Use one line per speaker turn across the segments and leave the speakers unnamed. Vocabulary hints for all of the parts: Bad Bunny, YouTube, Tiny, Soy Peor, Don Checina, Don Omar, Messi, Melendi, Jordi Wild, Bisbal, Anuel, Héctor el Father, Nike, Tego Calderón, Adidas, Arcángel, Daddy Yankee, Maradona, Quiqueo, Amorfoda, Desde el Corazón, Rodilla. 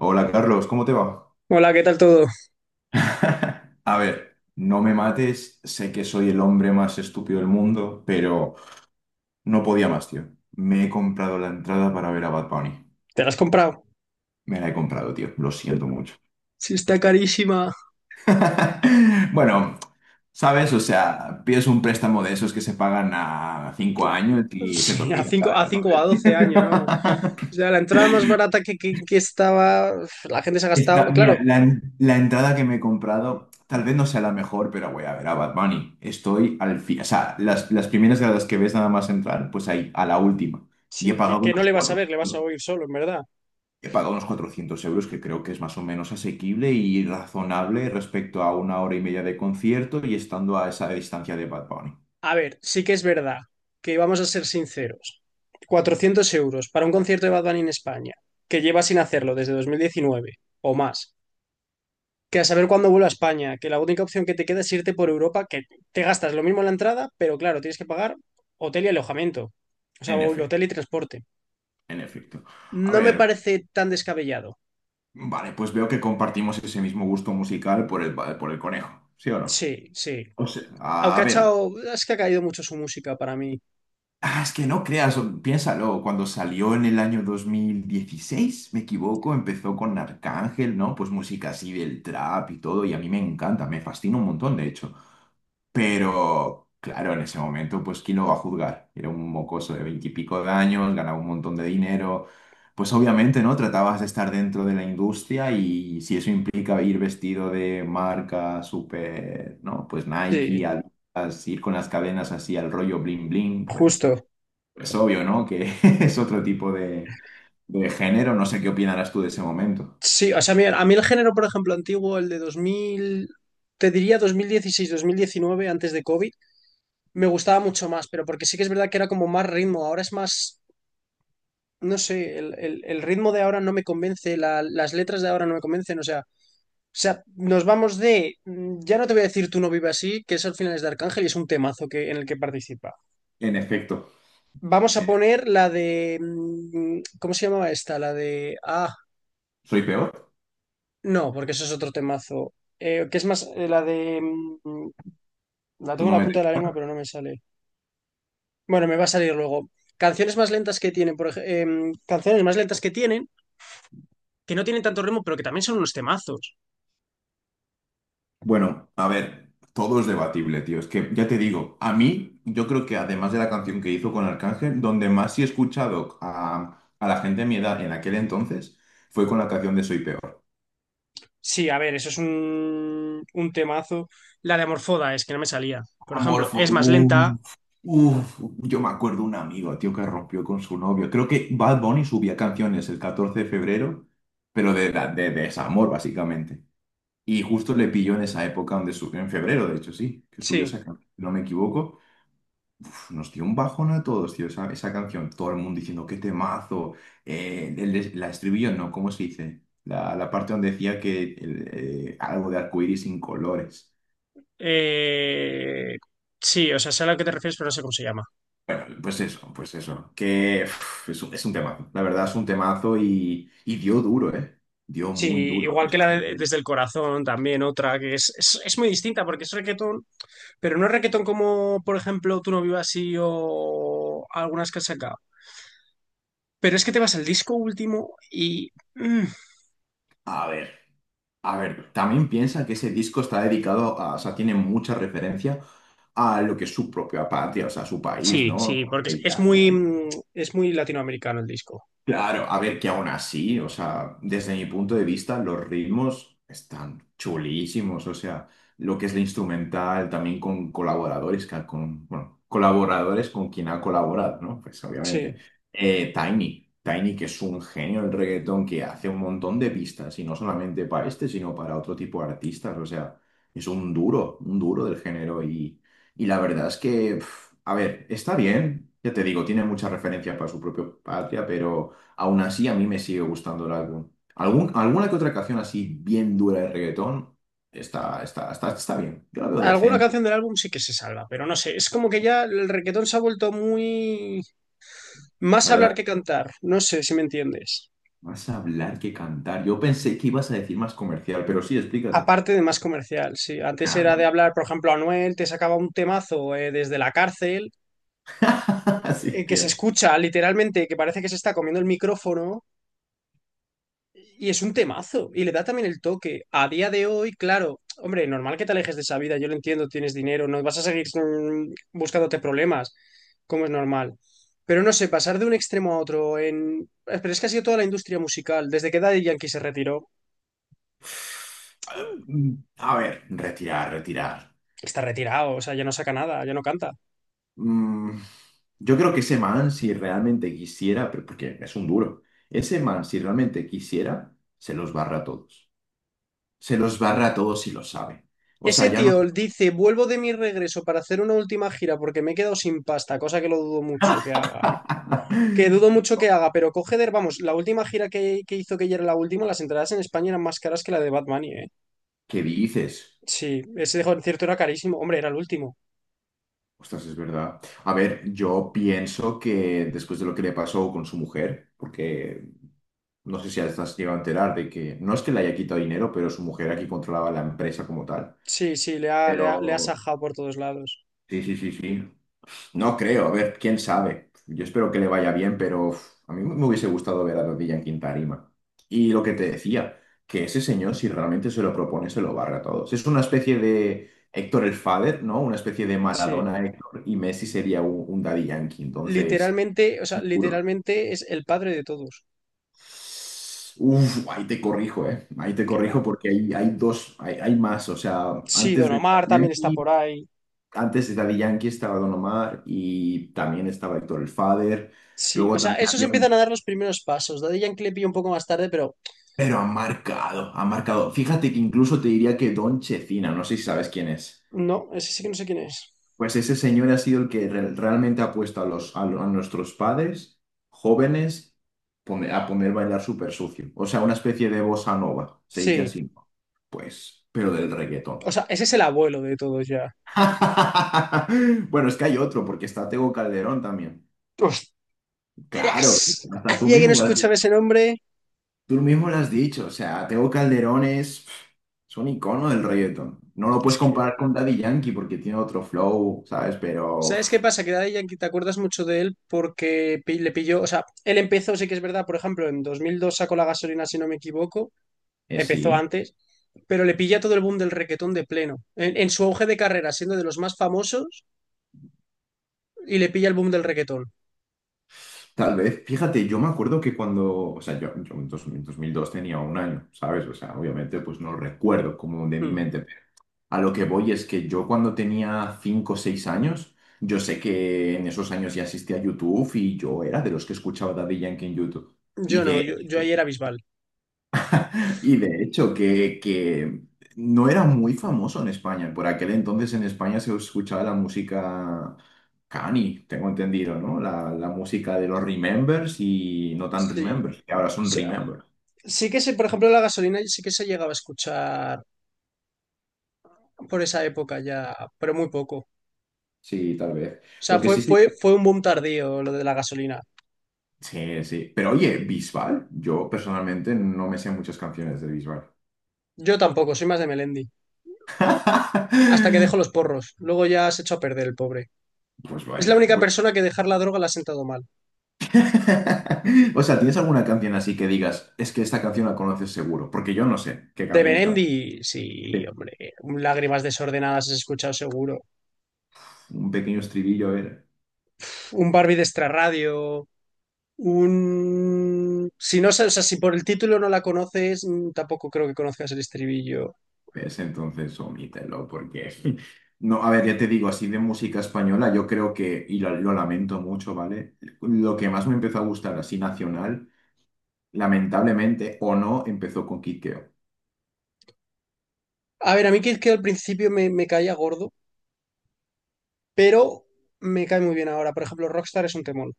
Hola Carlos, ¿cómo te va?
Hola, ¿qué tal todo?
A ver, no me mates, sé que soy el hombre más estúpido del mundo, pero no podía más, tío. Me he comprado la entrada para ver a Bad Bunny.
¿Te la has comprado?
Me la he comprado, tío, lo siento mucho.
Sí, está carísima.
Bueno, ¿sabes? O sea, pides un préstamo de esos que se pagan a 5 años y se te
Sí, a
olvida,
5,
¿sabes?
a 5 o a 12 años, vamos. O sea, la entrada más barata que estaba, la gente se ha gastado.
Está, mira,
Claro,
la entrada que me he comprado tal vez no sea la mejor, pero voy a ver a Bad Bunny. Estoy al fin, o sea, las primeras gradas que ves nada más entrar, pues ahí, a la última. Y
sí, que, que no le vas a ver, le vas a oír solo, en verdad.
he pagado unos 400 euros, que creo que es más o menos asequible y razonable respecto a una hora y media de concierto y estando a esa distancia de Bad Bunny.
A ver, sí que es verdad que vamos a ser sinceros. 400 euros para un concierto de Bad Bunny en España, que lleva sin hacerlo desde 2019 o más. Que a saber cuándo vuelvo a España, que la única opción que te queda es irte por Europa, que te gastas lo mismo en la entrada, pero claro, tienes que pagar hotel y alojamiento. O sea,
En efecto,
hotel y transporte.
en efecto. A
No me
ver,
parece tan descabellado.
vale, pues veo que compartimos ese mismo gusto musical por el conejo, ¿sí o no?
Sí, sí.
O sea,
Aunque
a
ha
ver.
echado. Es que ha caído mucho su música para mí.
Ah, es que no creas, piénsalo, cuando salió en el año 2016, me equivoco, empezó con Arcángel, ¿no? Pues música así del trap y todo, y a mí me encanta, me fascina un montón, de hecho. Pero, claro, en ese momento, pues, ¿quién lo va a juzgar? Era un mocoso de veintipico de años, ganaba un montón de dinero. Pues obviamente, ¿no? Tratabas de estar dentro de la industria y si eso implica ir vestido de marca súper, ¿no? Pues Nike,
Sí,
Adidas, ir con las cadenas así al rollo bling bling, pues...
justo.
Es obvio, ¿no? Que es otro tipo de género. No sé qué opinarás tú de ese momento.
Sí, o sea, mira, a mí el género, por ejemplo, antiguo, el de 2000, te diría 2016, 2019, antes de COVID, me gustaba mucho más, pero porque sí que es verdad que era como más ritmo, ahora es más no sé, el ritmo de ahora no me convence, las letras de ahora no me convencen, o sea, nos vamos de, ya no te voy a decir Tú no vives así, que es al final es de Arcángel y es un temazo en el que participa.
En efecto,
Vamos a
eh,
poner la de, ¿cómo se llamaba esta? La de,
soy peor.
no, porque eso es otro temazo. Que es más, la de, la
Tú
tengo
no
en la
me
punta de la lengua,
detectas.
pero no me sale. Bueno, me va a salir luego. Canciones más lentas que tienen, por ejemplo, canciones más lentas que tienen, que no tienen tanto ritmo, pero que también son unos temazos.
Bueno, a ver, todo es debatible, tío. Es que ya te digo, a mí, yo creo que además de la canción que hizo con Arcángel, donde más sí he escuchado a la gente de mi edad en aquel entonces fue con la canción de Soy Peor.
Sí, a ver, eso es un temazo. La de Amorfoda es que no me salía. Por ejemplo,
Amorfo,
es más lenta.
uff, uff, yo me acuerdo un amigo, tío, que rompió con su novio. Creo que Bad Bunny subía canciones el 14 de febrero, pero de desamor, básicamente. Y justo le pilló en esa época donde subió, en febrero, de hecho, sí, que subió
Sí.
esa canción, si no me equivoco. Uf, nos dio un bajón a todos, tío, esa canción. Todo el mundo diciendo, qué temazo. La estribillo, no, ¿cómo se dice? La parte donde decía que algo de arcoíris sin colores.
Eh, sí, o sea, sé a lo que te refieres, pero no sé cómo se llama.
Bueno, pues eso, que uf, es un temazo, la verdad es un temazo y dio duro, ¿eh? Dio
Sí,
muy duro a
igual
mucha
que la de
gente.
Desde el Corazón, también otra que es, es muy distinta porque es reggaetón, pero no es reggaetón como, por ejemplo, Tú no vivas así o algunas que has sacado. Pero es que te vas al disco último y...
A ver, a ver, también piensa que ese disco está dedicado a, o sea, tiene mucha referencia a lo que es su propia patria, o sea, su país,
sí,
¿no?
sí, porque es muy, es muy latinoamericano el disco.
Claro, a ver, que aún así, o sea, desde mi punto de vista, los ritmos están chulísimos, o sea, lo que es la instrumental, también con colaboradores, con, bueno, colaboradores con quien ha colaborado, ¿no? Pues obviamente.
Sí.
Tiny, Tiny, que es un genio del reggaetón, que hace un montón de pistas, y no solamente para este, sino para otro tipo de artistas, o sea, es un duro del género, y la verdad es que, pf, a ver, está bien, ya te digo, tiene muchas referencias para su propia patria, pero... Aún así, a mí me sigue gustando el álbum. Alguna que otra canción así bien dura de reggaetón está bien. Yo la veo
Alguna
decente.
canción del álbum sí que se salva, pero no sé, es como que ya el reggaetón se ha vuelto muy más hablar
Adelante.
que cantar, no sé si me entiendes.
Más hablar que cantar. Yo pensé que ibas a decir más comercial, pero sí, explícate.
Aparte de más comercial, sí. Antes
A ver,
era de hablar, por ejemplo, Anuel te sacaba un temazo desde la cárcel,
sí,
que
tío.
se escucha literalmente, que parece que se está comiendo el micrófono. Y es un temazo, y le da también el toque. A día de hoy, claro, hombre, normal que te alejes de esa vida, yo lo entiendo, tienes dinero, no vas a seguir buscándote problemas, como es normal. Pero no sé, pasar de un extremo a otro en... Pero es que ha sido toda la industria musical, desde que Daddy Yankee se retiró,
A ver, retirar, retirar.
está retirado, o sea, ya no saca nada, ya no canta.
Mm, yo creo que ese man, si realmente quisiera, pero porque es un duro, ese man, si realmente quisiera, se los barra a todos. Se los barra a todos y lo sabe. O
Ese
sea, ya no...
tío dice, vuelvo de mi regreso para hacer una última gira porque me he quedado sin pasta, cosa que lo dudo mucho que haga. Que dudo mucho que haga, pero coge vamos, la última gira que hizo que ya era la última, las entradas en España eran más caras que la de Batman, ¿eh?
¿Qué dices?
Sí, ese concierto era carísimo, hombre, era el último.
Ostras, es verdad. A ver, yo pienso que después de lo que le pasó con su mujer, porque no sé si has llegado a enterar de que no es que le haya quitado dinero, pero su mujer aquí controlaba la empresa como tal.
Sí, sí, le ha
Pero
sajado por todos lados.
sí, sí, sí, sí. No creo, a ver, quién sabe. Yo espero que le vaya bien, pero uf, a mí me hubiese gustado ver a Rodilla en quinta tarima. Y lo que te decía, que ese señor, si realmente se lo propone, se lo barra a todos. Es una especie de Héctor el Father, ¿no? Una especie de
Sí,
Maradona Héctor y Messi sería un Daddy Yankee. Entonces,
literalmente, o sea,
puro.
literalmente es el padre de todos.
Uf, ahí te corrijo, ¿eh? Ahí te
Que va.
corrijo porque hay dos, hay más. O sea,
Sí,
antes
Don
de
Omar también está por ahí.
Antes de Daddy Yankee estaba Don Omar y también estaba Héctor el Father.
Sí, o
Luego
sea,
también
esos
había
empiezan a
un.
dar los primeros pasos. Daddy Yankee le pillo un poco más tarde, pero
Pero ha marcado, ha marcado. Fíjate que incluso te diría que Don Checina, no sé si sabes quién es.
no, ese sí que no sé quién es.
Pues ese señor ha sido el que realmente ha puesto a nuestros padres jóvenes a poner bailar súper sucio. O sea, una especie de bossa nova, se dice
Sí,
así, ¿no? Pues, pero del reggaetón.
o sea, ese es el abuelo de todos ya.
Bueno, es que hay otro, porque está Tego Calderón también.
O
Claro,
tras.
hasta tú
Hacía que no
mismo.
escuchaba ese nombre.
Tú mismo lo has dicho, o sea, Tego Calderón es un icono del reggaetón. No lo
Es
puedes comparar
que.
con Daddy Yankee porque tiene otro flow, ¿sabes? Pero uf,
¿Sabes qué pasa? Que Daddy Yankee te acuerdas mucho de él porque le pilló. O sea, él empezó, sí que es verdad, por ejemplo, en 2002 sacó la gasolina, si no me equivoco. Empezó
sí,
antes, pero le pilla todo el boom del reggaetón de pleno. En su auge de carrera, siendo de los más famosos, y le pilla el boom del reggaetón.
tal vez. Fíjate, yo me acuerdo que cuando, o sea, yo en dos mil dos tenía un año, ¿sabes? O sea, obviamente pues no lo recuerdo como de mi
Hmm.
mente, pero a lo que voy es que yo cuando tenía 5 o 6 años, yo sé que en esos años ya asistía a YouTube y yo era de los que escuchaba Daddy Yankee en YouTube. Y
Yo
de
no, yo ahí
hecho,
era Bisbal.
Que no era muy famoso en España. Por aquel entonces en España se escuchaba la música cani, tengo entendido, ¿no? La música de los Remembers y no tan
Sí.
Remembers, que ahora
O
son
sea,
Remember.
sí que sé, por ejemplo, la gasolina sí que se llegaba a escuchar por esa época ya, pero muy poco.
Sí, tal vez.
O sea,
Lo que sí sí.
fue un boom tardío lo de la gasolina.
Sí, sí. Pero oye, Bisbal, yo personalmente no me sé muchas canciones de Bisbal.
Yo tampoco, soy más de Melendi. Hasta que dejó los porros. Luego ya se echó a perder el pobre.
Pues
Es la
vaya.
única persona que dejar la droga la ha sentado mal.
O sea, ¿tienes alguna canción así que digas, es que esta canción la conoces seguro? Porque yo no sé qué
De
canciones cantan.
Melendi, sí, hombre. Un Lágrimas desordenadas has escuchado seguro.
Un pequeño estribillo era.
Un Barbie de extrarradio. Un. Si no, o sea, si por el título no la conoces, tampoco creo que conozcas el estribillo.
Pues entonces omítelo, porque. No, a ver, ya te digo, así de música española, yo creo que, y lo lamento mucho, ¿vale? Lo que más me empezó a gustar así nacional, lamentablemente o no, empezó con Quiqueo.
A ver, a mí que al principio me caía gordo, pero me cae muy bien ahora. Por ejemplo, Rockstar es un temón.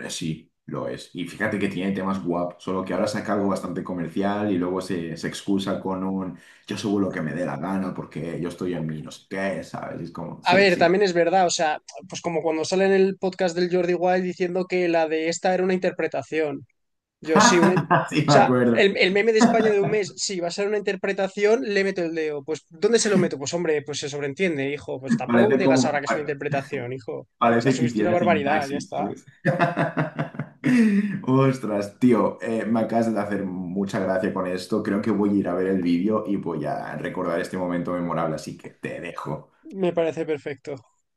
Sí, lo es. Y fíjate que tiene temas guap, solo que ahora saca algo bastante comercial y luego se excusa con un yo subo lo que me dé la gana porque yo estoy en mi no sé qué, ¿sabes? Y es como,
A
sí,
ver,
sí.
también es verdad, o sea, pues como cuando sale en el podcast del Jordi Wild diciendo que la de esta era una interpretación. Yo sí, una...
Sí,
O
me
sea,
acuerdo.
el meme de España de un mes, sí, va a ser una interpretación, le meto el dedo. Pues, ¿dónde se lo meto? Pues, hombre, pues se sobreentiende, hijo. Pues tampoco
Parece
digas ahora
como.
que es una interpretación, hijo. O sea,
Parece que
subiste una
hiciera
barbaridad, ya
sintaxis,
está.
¿sabes? Ostras, tío, me acabas de hacer mucha gracia con esto. Creo que voy a ir a ver el vídeo y voy a recordar este momento memorable, así que te dejo.
Me parece perfecto.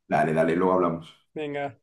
Dale, dale, luego hablamos.
Venga.